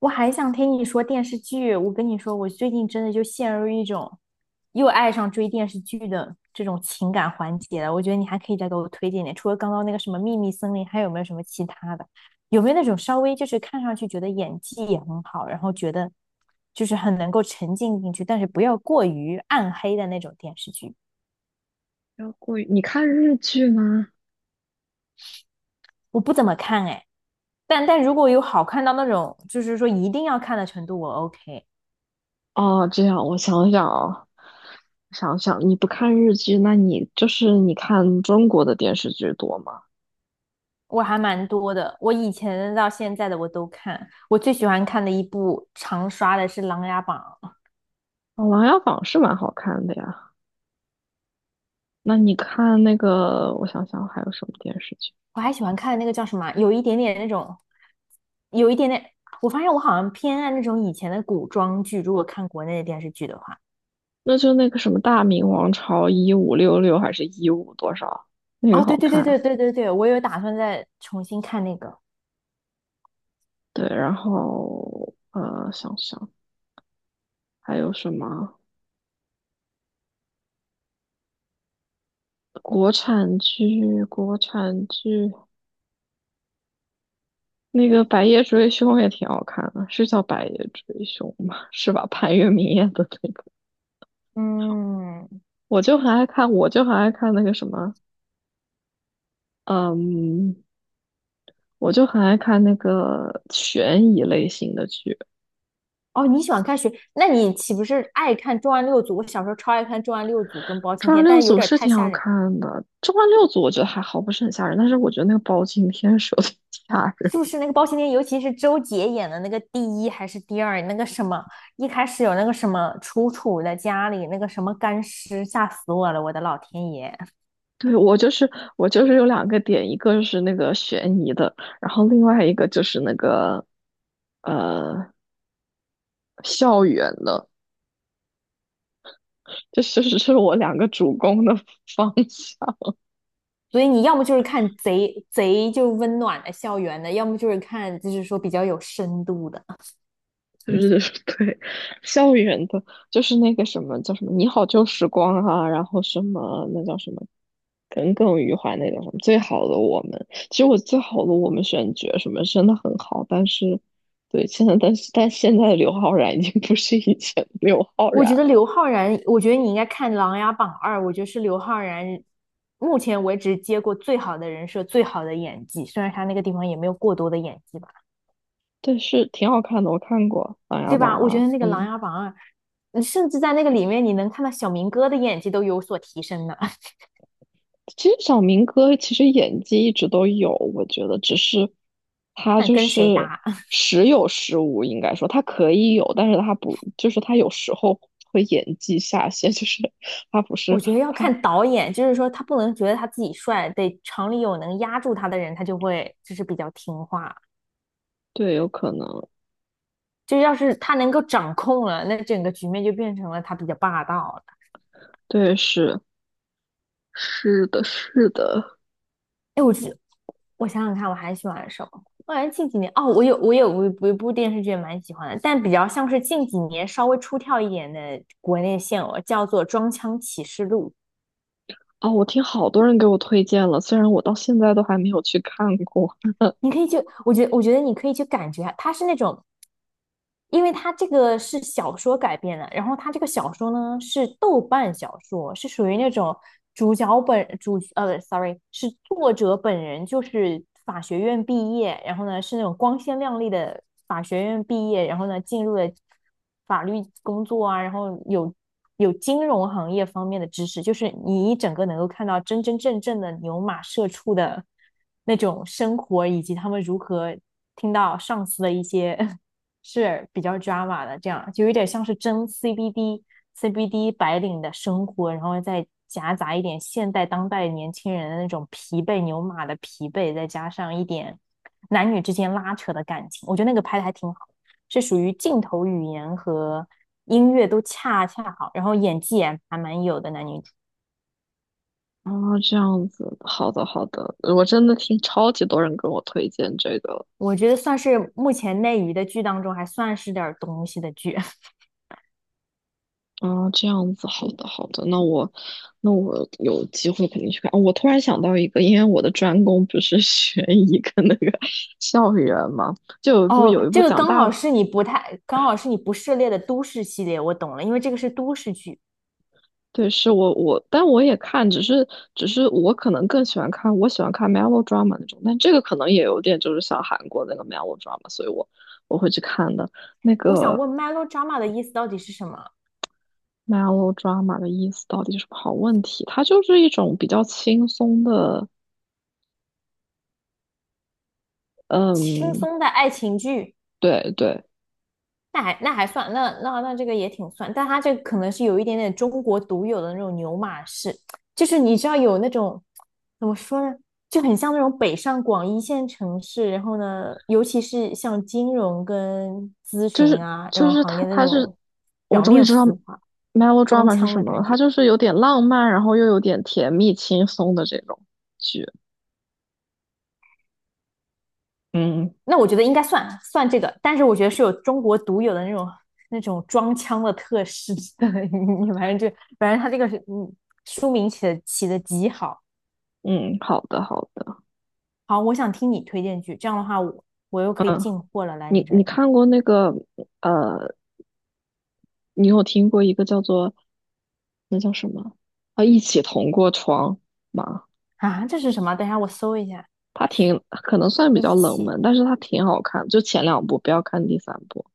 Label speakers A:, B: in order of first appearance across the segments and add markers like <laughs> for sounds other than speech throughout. A: 我还想听你说电视剧。我跟你说，我最近真的就陷入一种又爱上追电视剧的这种情感环节了。我觉得你还可以再给我推荐点，除了刚刚那个什么《秘密森林》，还有没有什么其他的？有没有那种稍微就是看上去觉得演技也很好，然后觉得就是很能够沉浸进去，但是不要过于暗黑的那种电视剧？
B: 要过于，你看日剧吗？
A: 我不怎么看哎，但如果有好看到那种就是说一定要看的程度，我 OK。
B: 哦，这样我想想啊，想想你不看日剧，那你就是你看中国的电视剧多吗？
A: 我还蛮多的，我以前到现在的我都看。我最喜欢看的一部常刷的是《琅琊榜》，
B: 哦，《琅琊榜》是蛮好看的呀。那你看那个，我想想还有什么电视剧？
A: 我还喜欢看那个叫什么啊，有一点点那种，有一点点。我发现我好像偏爱那种以前的古装剧，如果看国内的电视剧的话。
B: 那就那个什么《大明王朝1566》还是一五多少？那个
A: 哦，对
B: 好
A: 对对对
B: 看。
A: 对对对，我有打算再重新看那个。
B: 对，然后想想还有什么国产剧？那个《白夜追凶》也挺好看的，是叫《白夜追凶》吗？是吧？潘粤明演的那个，
A: 嗯，
B: 我就很爱看那个什么，嗯，我就很爱看那个悬疑类型的剧，
A: 哦，你喜欢看谁？那你岂不是爱看《重案六组》？我小时候超爱看《重案六组》跟包青
B: 《重案
A: 天，但
B: 六
A: 是有
B: 组》
A: 点
B: 是
A: 太
B: 挺好
A: 吓人。
B: 看的，《重案六组》我觉得还好，不是很吓人，但是我觉得那个包青天是有点吓人。
A: 是不是那个包青天，尤其是周杰演的那个第一还是第二，那个什么，一开始有那个什么楚楚的家里那个什么干尸，吓死我了，我的老天爷！
B: 对，我就是有两个点，一个就是那个悬疑的，然后另外一个就是那个呃校园的。这是我两个主攻的方向，
A: 所以你要么就是看贼贼就温暖的校园的，要么就是看就是说比较有深度的。
B: 就是 <laughs> 对校园的。就是那个什么叫什么“你好旧时光”啊，然后什么那叫什么耿耿于怀那叫什么“最好的我们”。其实我最好的我们选角什么真的很好，但是对现在，但现在的刘昊然已经不是以前的刘昊
A: 我
B: 然
A: 觉得
B: 了，
A: 刘昊然，我觉得你应该看《琅琊榜二》，我觉得是刘昊然目前为止接过最好的人设、最好的演技，虽然他那个地方也没有过多的演技吧。
B: 但是挺好看的，我看过《琅琊
A: 对
B: 榜》
A: 吧？我觉
B: 啊，
A: 得那个《琅
B: 嗯。
A: 琊榜二》，你甚至在那个里面，你能看到小明哥的演技都有所提升呢。<laughs>
B: 其实小明哥其实演技一直都有，我觉得只是他
A: 看
B: 就
A: 跟谁
B: 是
A: 搭，
B: 时有时无，应该说他可以有，但是他不，就是他有时候会演技下线，<laughs> 就是他不
A: <laughs> 我
B: 是
A: 觉得要
B: 他，
A: 看导演，就是说他不能觉得他自己帅，得厂里有能压住他的人，他就会就是比较听话。
B: 对，有可能，
A: 就要是他能够掌控了，那整个局面就变成了他比较霸道了。
B: 对，是的，是的，
A: 哎，我想想看，我还喜欢什么？我感觉近几年哦，我有一部电视剧也蛮喜欢的，但比较像是近几年稍微出挑一点的国内现偶，叫做《装腔启示录》。
B: 哦，我听好多人给我推荐了，虽然我到现在都还没有去看过。
A: 你可以去，我觉得你可以去感觉啊，它是那种，因为它这个是小说改编的，然后它这个小说呢是豆瓣小说，是属于那种主角本主呃，sorry,是作者本人就是法学院毕业，然后呢是那种光鲜亮丽的法学院毕业，然后呢进入了法律工作啊，然后有金融行业方面的知识，就是你一整个能够看到真真正正的牛马社畜的。那种生活，以及他们如何听到上司的一些 <laughs> 是比较 drama 的，这样就有点像是真 CBD 白领的生活，然后再夹杂一点现代当代年轻人的那种疲惫牛马的疲惫，再加上一点男女之间拉扯的感情，我觉得那个拍的还挺好，是属于镜头语言和音乐都恰恰好，然后演技也还蛮有的男女主。
B: 啊，这样子，好的好的，我真的听超级多人跟我推荐这个，
A: 我觉得算是目前内娱的剧当中还算是点东西的剧。
B: 啊，这样子，好的，好的，那我有机会肯定去看。哦，我突然想到一个，因为我的专攻不是 <laughs> 悬疑跟那个 <laughs> 校园嘛。就有一部有
A: 哦，
B: 一部
A: 这个
B: 讲
A: 刚
B: 大，
A: 好是你不太，刚好是你不涉猎的都市系列，我懂了，因为这个是都市剧。
B: 对，是我，但我也看，只是我可能更喜欢看，我喜欢看 melodrama 那种，但这个可能也有点就是像韩国那个 melodrama，所以我会去看的。那
A: 我想
B: 个
A: 问 melodrama 的意思到底是什么？
B: melodrama 的意思到底是什么？好问题，它就是一种比较轻松的，
A: 轻
B: 嗯，
A: 松的爱情剧。
B: 对对。
A: 那还那还算，那那那这个也挺算，但它这可能是有一点点中国独有的那种牛马式，就是你知道有那种怎么说呢，就很像那种北上广一线城市，然后呢，尤其是像金融跟咨
B: 就
A: 询
B: 是
A: 啊这
B: 就
A: 种
B: 是
A: 行
B: 他
A: 业的那
B: 他是，
A: 种
B: 我
A: 表
B: 终于
A: 面
B: 知道
A: 浮华、装
B: melodrama 是
A: 腔
B: 什
A: 的
B: 么了，
A: 感
B: 它
A: 觉。
B: 就是有点浪漫，然后又有点甜蜜轻松的这种剧。嗯
A: 那我觉得应该算算这个，但是我觉得是有中国独有的那种那种装腔的特 <laughs> 质的，<laughs> 你反正就反正他这个是嗯书名起的极好。
B: 嗯，好的好的，
A: 好，我想听你推荐剧，这样的话我又可以
B: 嗯，
A: 进货了，来你
B: 你
A: 这
B: 你
A: 里。
B: 看过那个呃，你有听过一个叫做那叫什么啊，一起同过窗吗？
A: 啊？这是什么？等一下我搜一下，
B: 它挺可能算比
A: 一
B: 较冷门，
A: 起
B: 但是它挺好看，就前两部，不要看第三部。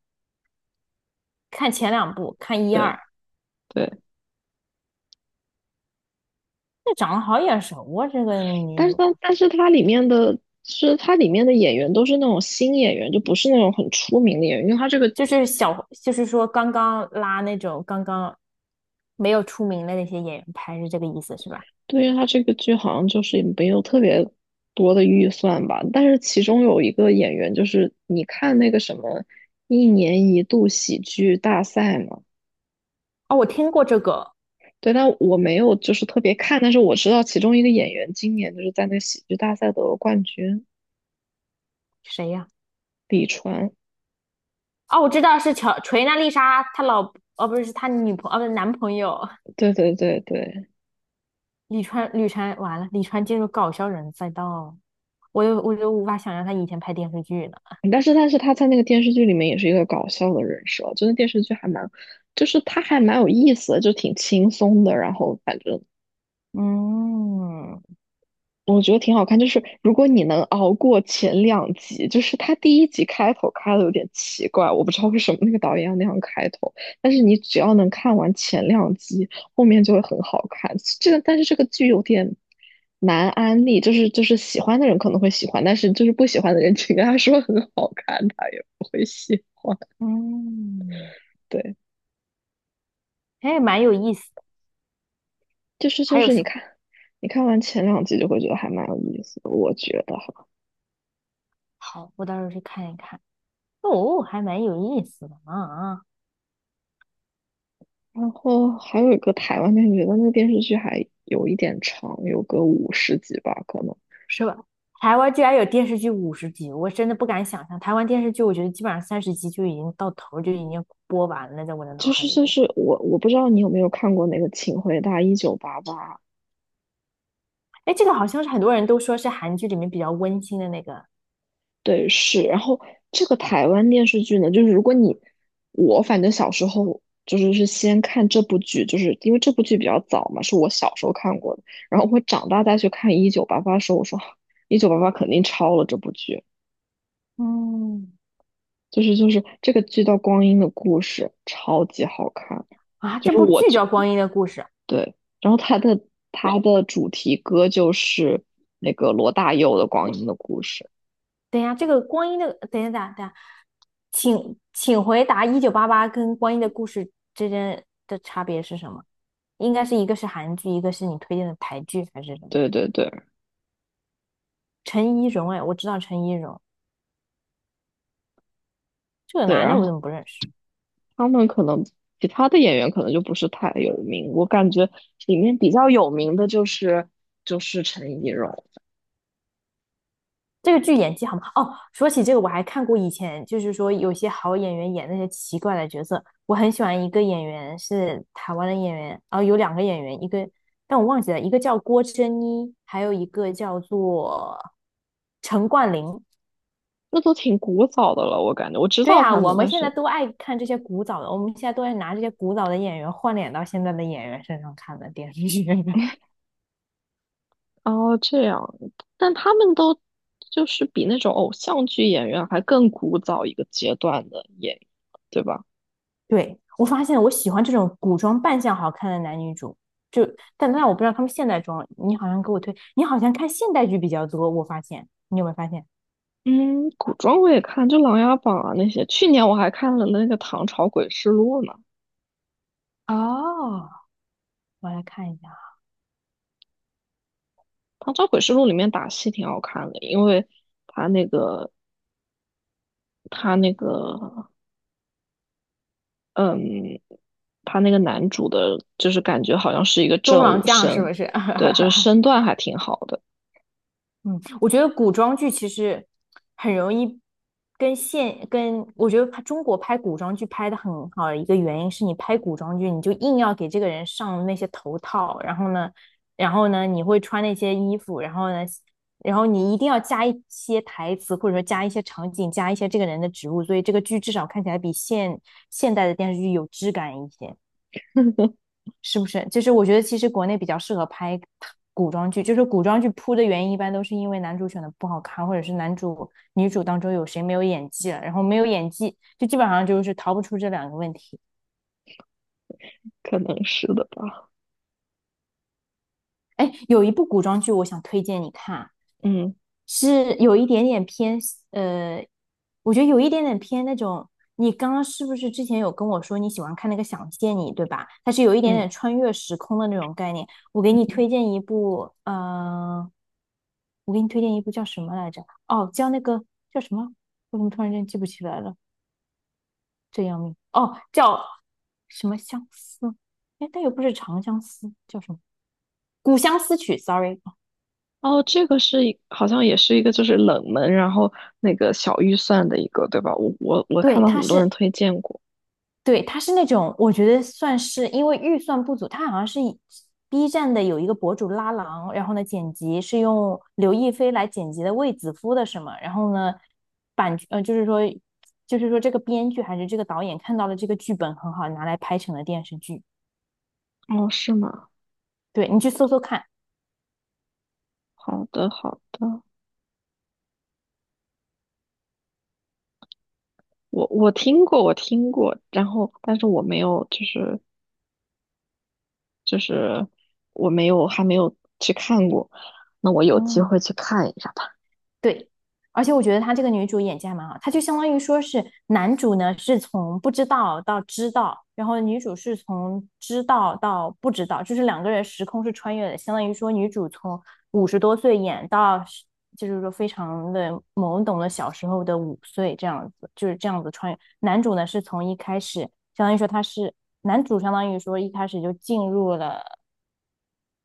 A: 看前两部，看一
B: 对
A: 二。
B: 对。
A: 这长得好眼熟啊，这个女
B: 但是
A: 主
B: 它但是它里面的是它里面的演员都是那种新演员，就不是那种很出名的演员，因为它这个
A: 就是小，就是说刚刚拉那种刚刚没有出名的那些演员拍，是这个意思是吧？
B: 对于它这个剧好像就是也没有特别多的预算吧。但是其中有一个演员就是你看那个什么一年一度喜剧大赛嘛，
A: 哦，我听过这个。
B: 对，但我没有就是特别看，但是我知道其中一个演员今年就是在那喜剧大赛得了冠军，
A: 谁呀、
B: 李川，
A: 哦，我知道是乔锤娜丽莎她老，哦不是，是她女朋哦不是男朋友。
B: 对对对对。
A: 李川，李川完了，李川进入搞笑人赛道，我就无法想象他以前拍电视剧了。
B: 但是他在那个电视剧里面也是一个搞笑的人设，就那电视剧还蛮，就是他还蛮有意思的，就挺轻松的。然后反正
A: 嗯
B: 我觉得挺好看，就是如果你能熬过前两集，就是他第一集开头开的有点奇怪，我不知道为什么那个导演要那样开头，但是你只要能看完前两集，后面就会很好看。这个，但是这个剧有点难安利，就是喜欢的人可能会喜欢，但是就是不喜欢的人，请跟他说很好看，他也不会喜欢。
A: 嗯，
B: 对。
A: 哎，蛮有意思。
B: 就是就
A: 还有
B: 是你
A: 什么？
B: 看，你看完前两集就会觉得还蛮有意思的，我觉得哈。
A: 好，我到时候去看一看。哦，还蛮有意思的啊，
B: 然后还有一个台湾电视剧，但那个电视剧还有一点长，有个50集吧，可能。
A: 是吧？台湾居然有电视剧50集，我真的不敢想象。台湾电视剧，我觉得基本上30集就已经到头就已经播完了，在我的脑
B: 就
A: 海
B: 是
A: 里
B: 就
A: 就。
B: 是我我不知道你有没有看过那个《请回答一九八八》，
A: 哎，这个好像是很多人都说是韩剧里面比较温馨的那个。
B: 对，是。然后这个台湾电视剧呢，就是如果你我反正小时候是先看这部剧，就是因为这部剧比较早嘛，是我小时候看过的。然后我长大再去看《一九八八》的时候，我说，啊，一九八八肯定抄了这部剧，
A: 嗯，
B: 就是这个剧叫《光阴的故事》，超级好看。
A: 啊，
B: 就
A: 这
B: 是
A: 部
B: 我
A: 剧
B: 觉
A: 叫《光阴的故事》。
B: 对，然后它的主题歌就是那个罗大佑的《光阴的故事》。
A: 等一下，这个光阴的，等一下，等一下，等一下，请回答《1988》跟《光阴的故事》之间的差别是什么？应该是一个是韩剧，一个是你推荐的台剧，还是什么？
B: 对对对
A: 陈怡蓉，哎，我知道陈怡蓉。这个
B: 对，
A: 男的，
B: 然
A: 我怎
B: 后
A: 么不认识？
B: 他们可能其他的演员可能就不是太有名，我感觉里面比较有名的就是陈怡蓉，
A: 这个剧演技好吗？哦，说起这个，我还看过以前，就是说有些好演员演那些奇怪的角色。我很喜欢一个演员是台湾的演员，然后有两个演员，一个但我忘记了，一个叫郭珍妮，还有一个叫做陈冠霖。
B: 那都挺古早的了，我感觉我知
A: 对
B: 道
A: 呀，
B: 他
A: 我
B: 们，
A: 们
B: 但
A: 现在
B: 是
A: 都爱看这些古早的，我们现在都爱拿这些古早的演员换脸到现在的演员身上看的电视剧。<laughs>
B: 哦，这样，但他们都就是比那种偶像剧演员还更古早一个阶段的演员，对吧？
A: 对，我发现我喜欢这种古装扮相好看的男女主，就但我不知道他们现代装，你好像给我推，你好像看现代剧比较多，我发现你有没有发现？
B: 嗯，古装我也看，就《琅琊榜》啊那些。去年我还看了那个《唐朝诡事录》呢，
A: 哦，我来看一下，
B: 《唐朝诡事录》里面打戏挺好看的，因为他那个他那个嗯，他那个男主的，就是感觉好像是一个
A: 《中
B: 正
A: 郎
B: 武
A: 将》是
B: 生，
A: 不是？
B: 对，就是身
A: <laughs>
B: 段还挺好的，
A: 嗯，我觉得古装剧其实很容易跟现跟，我觉得拍中国拍古装剧拍的很好的一个原因是你拍古装剧，你就硬要给这个人上那些头套，然后呢，然后呢，你会穿那些衣服，然后呢，然后你一定要加一些台词，或者说加一些场景，加一些这个人的植物，所以这个剧至少看起来比现代的电视剧有质感一些。
B: <laughs>
A: 是不是？就是我觉得其实国内比较适合拍古装剧，就是古装剧扑的原因一般都是因为男主选的不好看，或者是男主女主当中有谁没有演技了，然后没有演技就基本上就是逃不出这两个问题。
B: 可能是的吧，
A: 哎，有一部古装剧我想推荐你看，
B: 嗯
A: 是有一点点偏，呃，我觉得有一点点偏那种。你刚刚是不是之前有跟我说你喜欢看那个《想见你》，对吧？它是有一点
B: 嗯。
A: 点穿越时空的那种概念。我给你推荐一部，呃，我给你推荐一部叫什么来着？哦，叫那个叫什么？我怎么突然间记不起来了？这要命！哦，叫什么相思？哎，但又不是长相思，叫什么《古相思曲》？Sorry,哦
B: 哦，这个是一好像也是一个就是冷门，然后那个小预算的一个，对吧？我看
A: 对，
B: 到很多人推荐过。
A: 对，他是那种，我觉得算是因为预算不足，他好像是以 B 站的有一个博主拉郎，然后呢剪辑是用刘亦菲来剪辑的卫子夫的什么，然后呢版呃就是说就是说这个编剧还是这个导演看到了这个剧本很好，拿来拍成了电视剧。
B: 哦，是吗？
A: 对，你去搜搜看，
B: 好的好的，我听过，然后但是我没有就是就是我没有还没有去看过，那我有机
A: 嗯。
B: 会去看一下吧。
A: 对，而且我觉得她这个女主演技还蛮好，她就相当于说是男主呢是从不知道到知道，然后女主是从知道到不知道，就是两个人时空是穿越的，相当于说女主从50多岁演到十就是说非常的懵懂的小时候的5岁这样子，就是这样子穿越。男主呢是从一开始，相当于说他是男主，相当于说一开始就进入了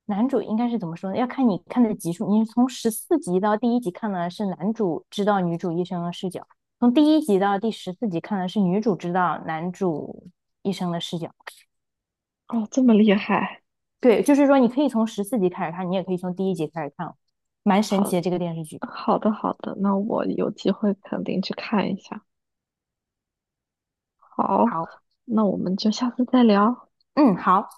A: 男主应该是怎么说呢？要看你看的集数。你是从十四集到第一集看的是男主知道女主一生的视角，从第一集到第14集看的是女主知道男主一生的视角。
B: 哦，这么厉害，
A: 对，就是说你可以从十四集开始看，你也可以从第一集开始看哦，蛮神
B: 好
A: 奇的这个电视剧。
B: 好的好的，那我有机会肯定去看一下。好，
A: 好，
B: 那我们就下次再聊。
A: 嗯，好。